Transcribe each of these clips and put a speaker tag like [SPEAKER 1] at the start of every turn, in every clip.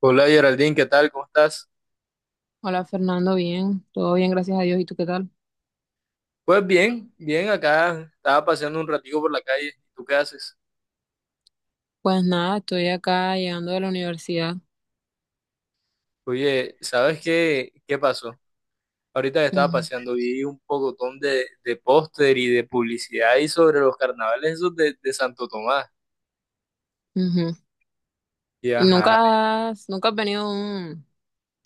[SPEAKER 1] Hola Geraldine, ¿qué tal? ¿Cómo estás?
[SPEAKER 2] Hola Fernando, bien, todo bien, gracias a Dios. ¿Y tú qué tal?
[SPEAKER 1] Pues bien, acá estaba paseando un ratico por la calle. ¿Tú qué haces?
[SPEAKER 2] Pues nada, estoy acá llegando de la universidad.
[SPEAKER 1] Oye, ¿sabes qué pasó? Ahorita que estaba
[SPEAKER 2] Ujú,
[SPEAKER 1] paseando vi un pocotón de póster y de publicidad y sobre los carnavales esos de Santo Tomás.
[SPEAKER 2] ujú.
[SPEAKER 1] Y
[SPEAKER 2] ¿Y
[SPEAKER 1] ajá,
[SPEAKER 2] nunca has venido a un,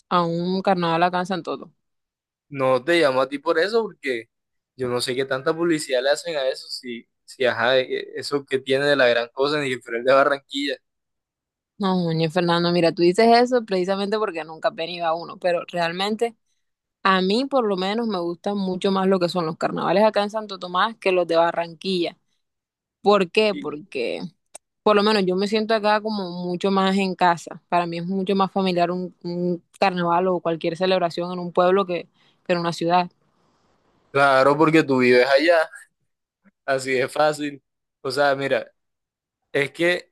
[SPEAKER 2] a un carnaval acá en Santo Domingo?
[SPEAKER 1] no te llamo a ti por eso porque yo no sé qué tanta publicidad le hacen a eso, si ajá, eso que tiene de la gran cosa en el Festival de Barranquilla.
[SPEAKER 2] No, ñe, Fernando, mira, tú dices eso precisamente porque nunca has venido a uno, pero realmente a mí por lo menos me gustan mucho más lo que son los carnavales acá en Santo Tomás que los de Barranquilla. ¿Por qué?
[SPEAKER 1] Y
[SPEAKER 2] Porque por lo menos yo me siento acá como mucho más en casa. Para mí es mucho más familiar un carnaval o cualquier celebración en un pueblo que en una ciudad.
[SPEAKER 1] claro, porque tú vives allá, así de fácil. O sea, mira. Es que,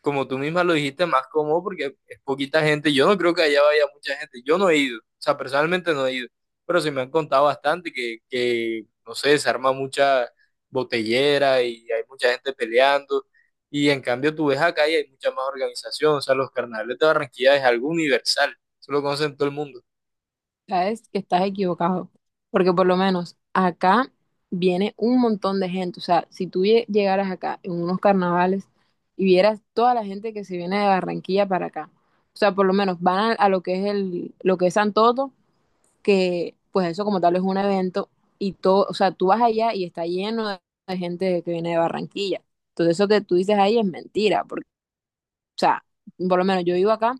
[SPEAKER 1] como tú misma lo dijiste, más cómodo porque es poquita gente. Yo no creo que allá vaya mucha gente. Yo no he ido, o sea, personalmente no he ido, pero sí me han contado bastante que no sé, se arma mucha botellera y hay mucha gente peleando. Y en cambio tú ves acá y hay mucha más organización. O sea, los carnavales de Barranquilla es algo universal. Eso lo conocen todo el mundo.
[SPEAKER 2] Sabes que estás equivocado, porque por lo menos acá viene un montón de gente. O sea, si tú llegaras acá en unos carnavales y vieras toda la gente que se viene de Barranquilla para acá, o sea, por lo menos van a lo que es lo que es Santoto, que pues eso como tal es un evento y todo. O sea, tú vas allá y está lleno de gente que viene de Barranquilla. Entonces eso que tú dices ahí es mentira, porque, o sea, por lo menos yo vivo acá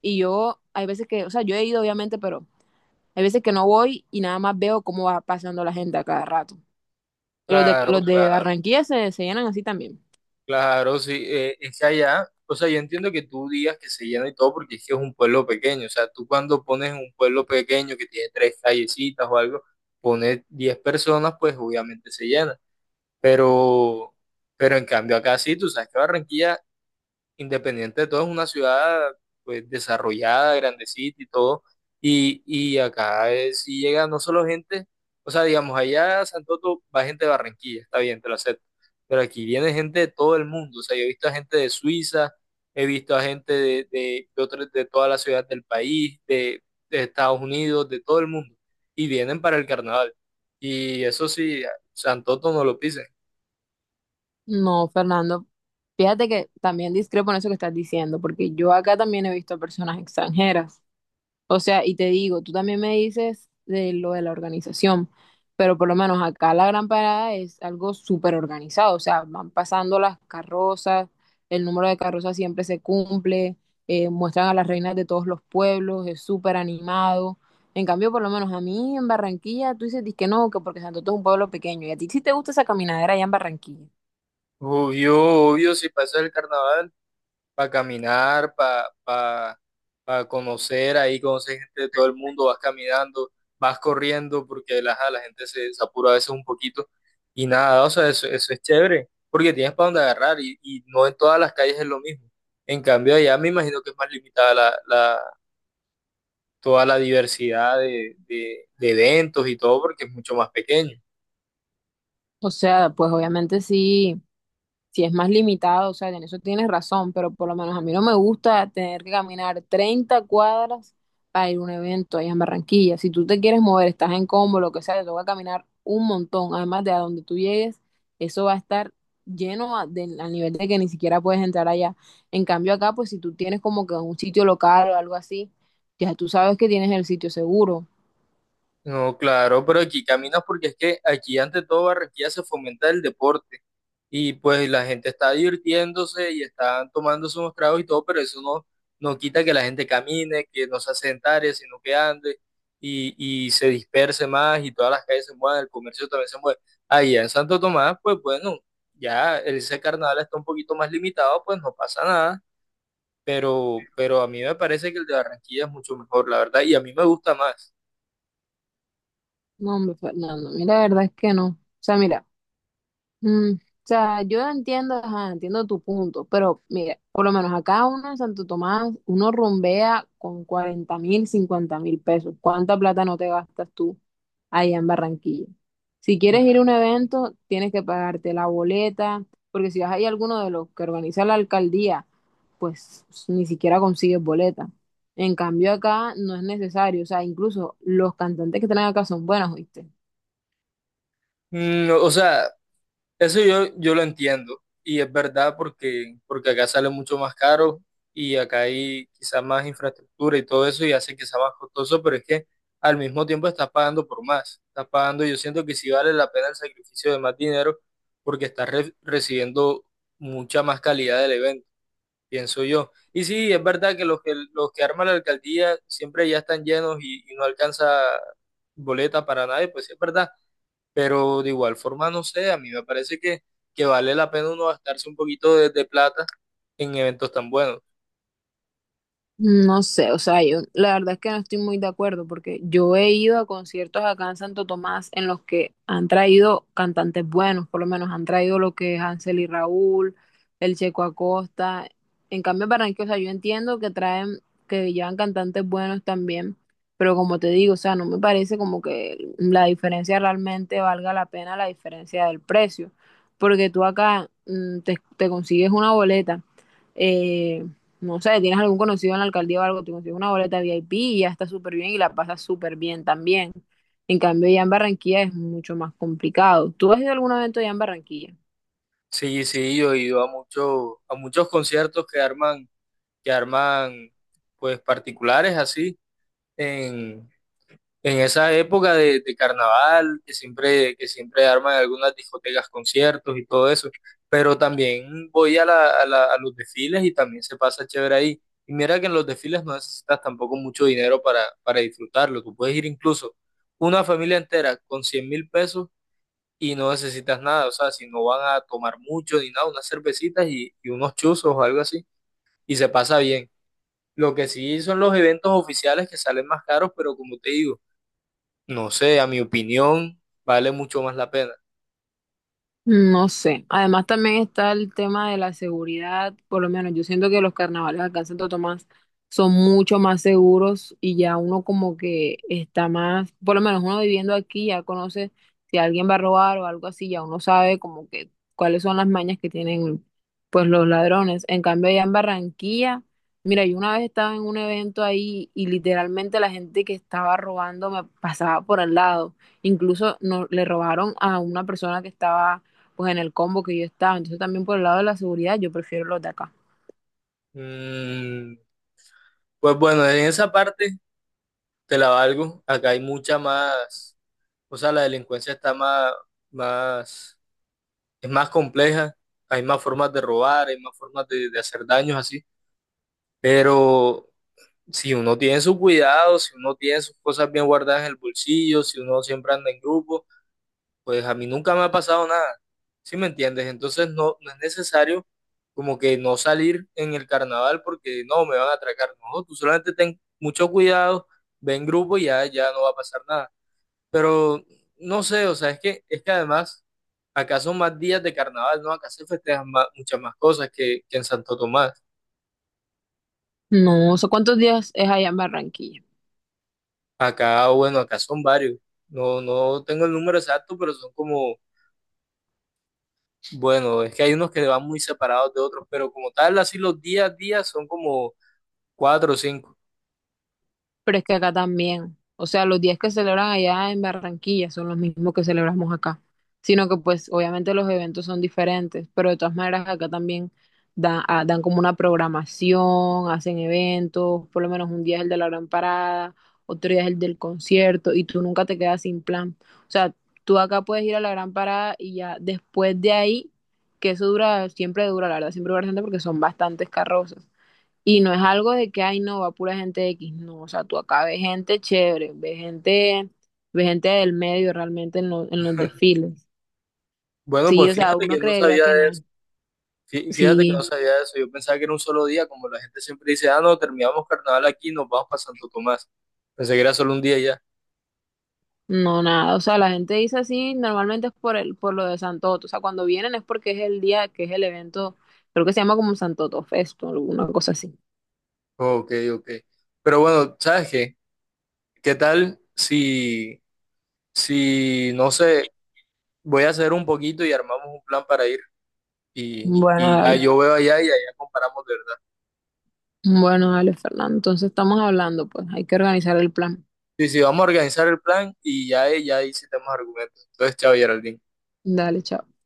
[SPEAKER 2] y yo hay veces que, o sea, yo he ido obviamente, pero hay veces que no voy y nada más veo cómo va pasando la gente a cada rato. Y Los de,
[SPEAKER 1] Claro,
[SPEAKER 2] los de
[SPEAKER 1] claro.
[SPEAKER 2] Barranquilla se llenan así también.
[SPEAKER 1] Claro, sí, es que allá, o sea, yo entiendo que tú digas que se llena y todo porque es que es un pueblo pequeño, o sea, tú cuando pones un pueblo pequeño que tiene tres callecitas o algo, pones 10 personas, pues obviamente se llena, pero, pero en cambio acá sí, tú sabes que Barranquilla independiente de todo, es una ciudad pues desarrollada, grandecita y todo. Y acá sí llega no solo gente, o sea, digamos, allá a Santoto va gente de Barranquilla, está bien, te lo acepto. Pero aquí viene gente de todo el mundo. O sea, yo he visto a gente de Suiza, he visto a gente de otras- de toda la ciudad del país, de Estados Unidos, de todo el mundo. Y vienen para el carnaval. Y eso sí, Santoto no lo pisen.
[SPEAKER 2] No, Fernando, fíjate que también discrepo en eso que estás diciendo, porque yo acá también he visto personas extranjeras. O sea, y te digo, tú también me dices de lo de la organización, pero por lo menos acá la Gran Parada es algo súper organizado, o sea, van pasando las carrozas, el número de carrozas siempre se cumple, muestran a las reinas de todos los pueblos, es súper animado. En cambio, por lo menos a mí en Barranquilla, tú dices que no, que porque Santo Tomás es un pueblo pequeño, y a ti sí te gusta esa caminadera allá en Barranquilla.
[SPEAKER 1] Obvio, obvio, si pasa el carnaval. Para caminar, pa conocer, ahí conocer gente de todo el mundo, vas caminando, vas corriendo, porque ajá, la gente se apura a veces un poquito y nada, o sea, eso es chévere, porque tienes para dónde agarrar y no en todas las calles es lo mismo. En cambio, allá me imagino que es más limitada toda la diversidad de eventos y todo, porque es mucho más pequeño.
[SPEAKER 2] O sea, pues obviamente sí, si es más limitado, o sea, en eso tienes razón, pero por lo menos a mí no me gusta tener que caminar 30 cuadras para ir a un evento allá en Barranquilla. Si tú te quieres mover, estás en combo, lo que sea, te toca caminar un montón. Además de a donde tú llegues, eso va a estar lleno al nivel de que ni siquiera puedes entrar allá. En cambio acá, pues si tú tienes como que un sitio local o algo así, ya tú sabes que tienes el sitio seguro.
[SPEAKER 1] No, claro, pero aquí caminas porque es que aquí ante todo Barranquilla se fomenta el deporte. Y pues la gente está divirtiéndose y están tomando unos tragos y todo, pero eso no, no quita que la gente camine, que no se asentare, sino que ande y, y se disperse más y todas las calles se mueven el comercio también se mueve. Allá en Santo Tomás, pues bueno, ya ese carnaval está un poquito más limitado, pues no pasa nada, pero a mí me parece que el de Barranquilla es mucho mejor, la verdad, y a mí me gusta más.
[SPEAKER 2] No, hombre, Fernando, mira, la verdad es que no. O sea, mira. O sea, yo entiendo, ajá, entiendo tu punto, pero mira, por lo menos acá uno en Santo Tomás, uno rumbea con 40.000, 50.000 pesos. ¿Cuánta plata no te gastas tú allá en Barranquilla? Si quieres ir a un evento, tienes que pagarte la boleta, porque si vas ahí a alguno de los que organiza la alcaldía, pues ni siquiera consigues boleta. En cambio acá no es necesario, o sea, incluso los cantantes que están acá son buenos, ¿oíste?
[SPEAKER 1] Mm, o sea, eso yo lo entiendo y es verdad porque acá sale mucho más caro y acá hay quizás más infraestructura y todo eso y hace que sea más costoso, pero es que al mismo tiempo estás pagando por más. Estás pagando, yo siento que sí vale la pena el sacrificio de más dinero porque estás recibiendo mucha más calidad del evento, pienso yo. Y sí, es verdad que los que arma la alcaldía siempre ya están llenos y no alcanza boleta para nadie, pues sí es verdad pero de igual forma, no sé, a mí me parece que vale la pena uno gastarse un poquito de plata en eventos tan buenos.
[SPEAKER 2] No sé, o sea, yo la verdad es que no estoy muy de acuerdo porque yo he ido a conciertos acá en Santo Tomás en los que han traído cantantes buenos, por lo menos han traído lo que es Hansel y Raúl, el Checo Acosta. En cambio, en Barranquilla, o sea, yo entiendo que traen, que llevan cantantes buenos también, pero como te digo, o sea, no me parece como que la diferencia realmente valga la pena la diferencia del precio, porque tú acá te consigues una boleta, eh, no sé, tienes algún conocido en la alcaldía o algo, te consigues una boleta VIP y ya está súper bien y la pasas súper bien también. En cambio, ya en Barranquilla es mucho más complicado. ¿Tú has ido a algún evento ya en Barranquilla?
[SPEAKER 1] Sí, sí, yo he ido a muchos conciertos que arman, pues particulares así, en, en esa época de carnaval, que siempre arman algunas discotecas, conciertos y todo eso, pero también voy a, la- a la- a los desfiles y también se pasa chévere ahí. Y mira que en los desfiles no necesitas tampoco mucho dinero para disfrutarlo. Tú puedes ir incluso una familia entera con 100.000 pesos y no necesitas nada. O sea, si no van a tomar mucho ni nada, unas cervecitas y unos chuzos o algo así, y se pasa bien. Lo que sí son los eventos oficiales que salen más caros, pero como te digo, no sé, a mi opinión, vale mucho más la pena.
[SPEAKER 2] No sé. Además también está el tema de la seguridad, por lo menos yo siento que los carnavales acá en Santo Tomás son mucho más seguros y ya uno como que está más, por lo menos uno viviendo aquí ya conoce si alguien va a robar o algo así, ya uno sabe como que cuáles son las mañas que tienen pues los ladrones. En cambio allá en Barranquilla, mira, yo una vez estaba en un evento ahí y literalmente la gente que estaba robando me pasaba por al lado. Incluso no, le robaron a una persona que estaba pues en el combo que yo estaba. Entonces también por el lado de la seguridad yo prefiero los de acá.
[SPEAKER 1] Mm, pues bueno, en esa parte te la valgo. Acá hay mucha o sea, la delincuencia más, es más compleja. Hay más formas de robar, hay más formas de hacer daños así. Pero si uno tiene su cuidado, si uno tiene sus cosas bien guardadas en el bolsillo, si uno siempre anda en grupo, pues a mí nunca me ha pasado nada, ¿sí me entiendes? Entonces no es necesario como que no salir en el carnaval porque no, me van a atracar. No, tú solamente ten mucho cuidado, ve en grupo y ya, ya no va a pasar nada. Pero no sé, o sea, es que además acá son más días de carnaval, ¿no? Acá se festejan más- muchas más cosas que en Santo Tomás.
[SPEAKER 2] No sé cuántos días es allá en Barranquilla.
[SPEAKER 1] Acá, bueno, acá son varios. No, no tengo el número exacto, pero son como bueno, es que hay unos que van muy separados de otros, pero como tal, así los días a días son como cuatro o cinco.
[SPEAKER 2] Pero es que acá también, o sea, los días que celebran allá en Barranquilla son los mismos que celebramos acá, sino que pues obviamente los eventos son diferentes, pero de todas maneras acá también dan como una programación, hacen eventos. Por lo menos un día es el de la gran parada, otro día es el del concierto y tú nunca te quedas sin plan. O sea, tú acá puedes ir a la gran parada y ya después de ahí, que eso dura, siempre dura, la verdad, siempre dura bastante porque son bastantes carrozas. Y no es algo de que, ay, no, va pura gente X. No, o sea, tú acá ves gente chévere, ves gente del medio realmente en los desfiles.
[SPEAKER 1] Bueno,
[SPEAKER 2] Sí,
[SPEAKER 1] pues
[SPEAKER 2] o sea,
[SPEAKER 1] fíjate
[SPEAKER 2] uno
[SPEAKER 1] que no
[SPEAKER 2] creería
[SPEAKER 1] sabía
[SPEAKER 2] que no.
[SPEAKER 1] de eso. Fíjate que no
[SPEAKER 2] Sí,
[SPEAKER 1] sabía de eso. Yo pensaba que era un solo día, como la gente siempre dice, ah, no, terminamos carnaval aquí, nos vamos para Santo Tomás. Pensé que era solo un día y ya.
[SPEAKER 2] no, nada. O sea, la gente dice así, normalmente es por lo de Santoto. O sea, cuando vienen es porque es el día que es el evento, creo que se llama como Santoto Fest o alguna cosa así.
[SPEAKER 1] Ok, ok. Pero bueno, ¿sabes qué? ¿Qué tal si, no sé, voy a hacer un poquito y armamos un plan para ir
[SPEAKER 2] Bueno,
[SPEAKER 1] y ya
[SPEAKER 2] dale.
[SPEAKER 1] yo veo allá y allá comparamos de verdad.
[SPEAKER 2] Bueno, dale, Fernando. Entonces estamos hablando, pues hay que organizar el plan.
[SPEAKER 1] Sí, sí, vamos a organizar el plan y ya, ya ahí sí tenemos argumentos. Entonces, chao, Geraldine.
[SPEAKER 2] Dale, chao.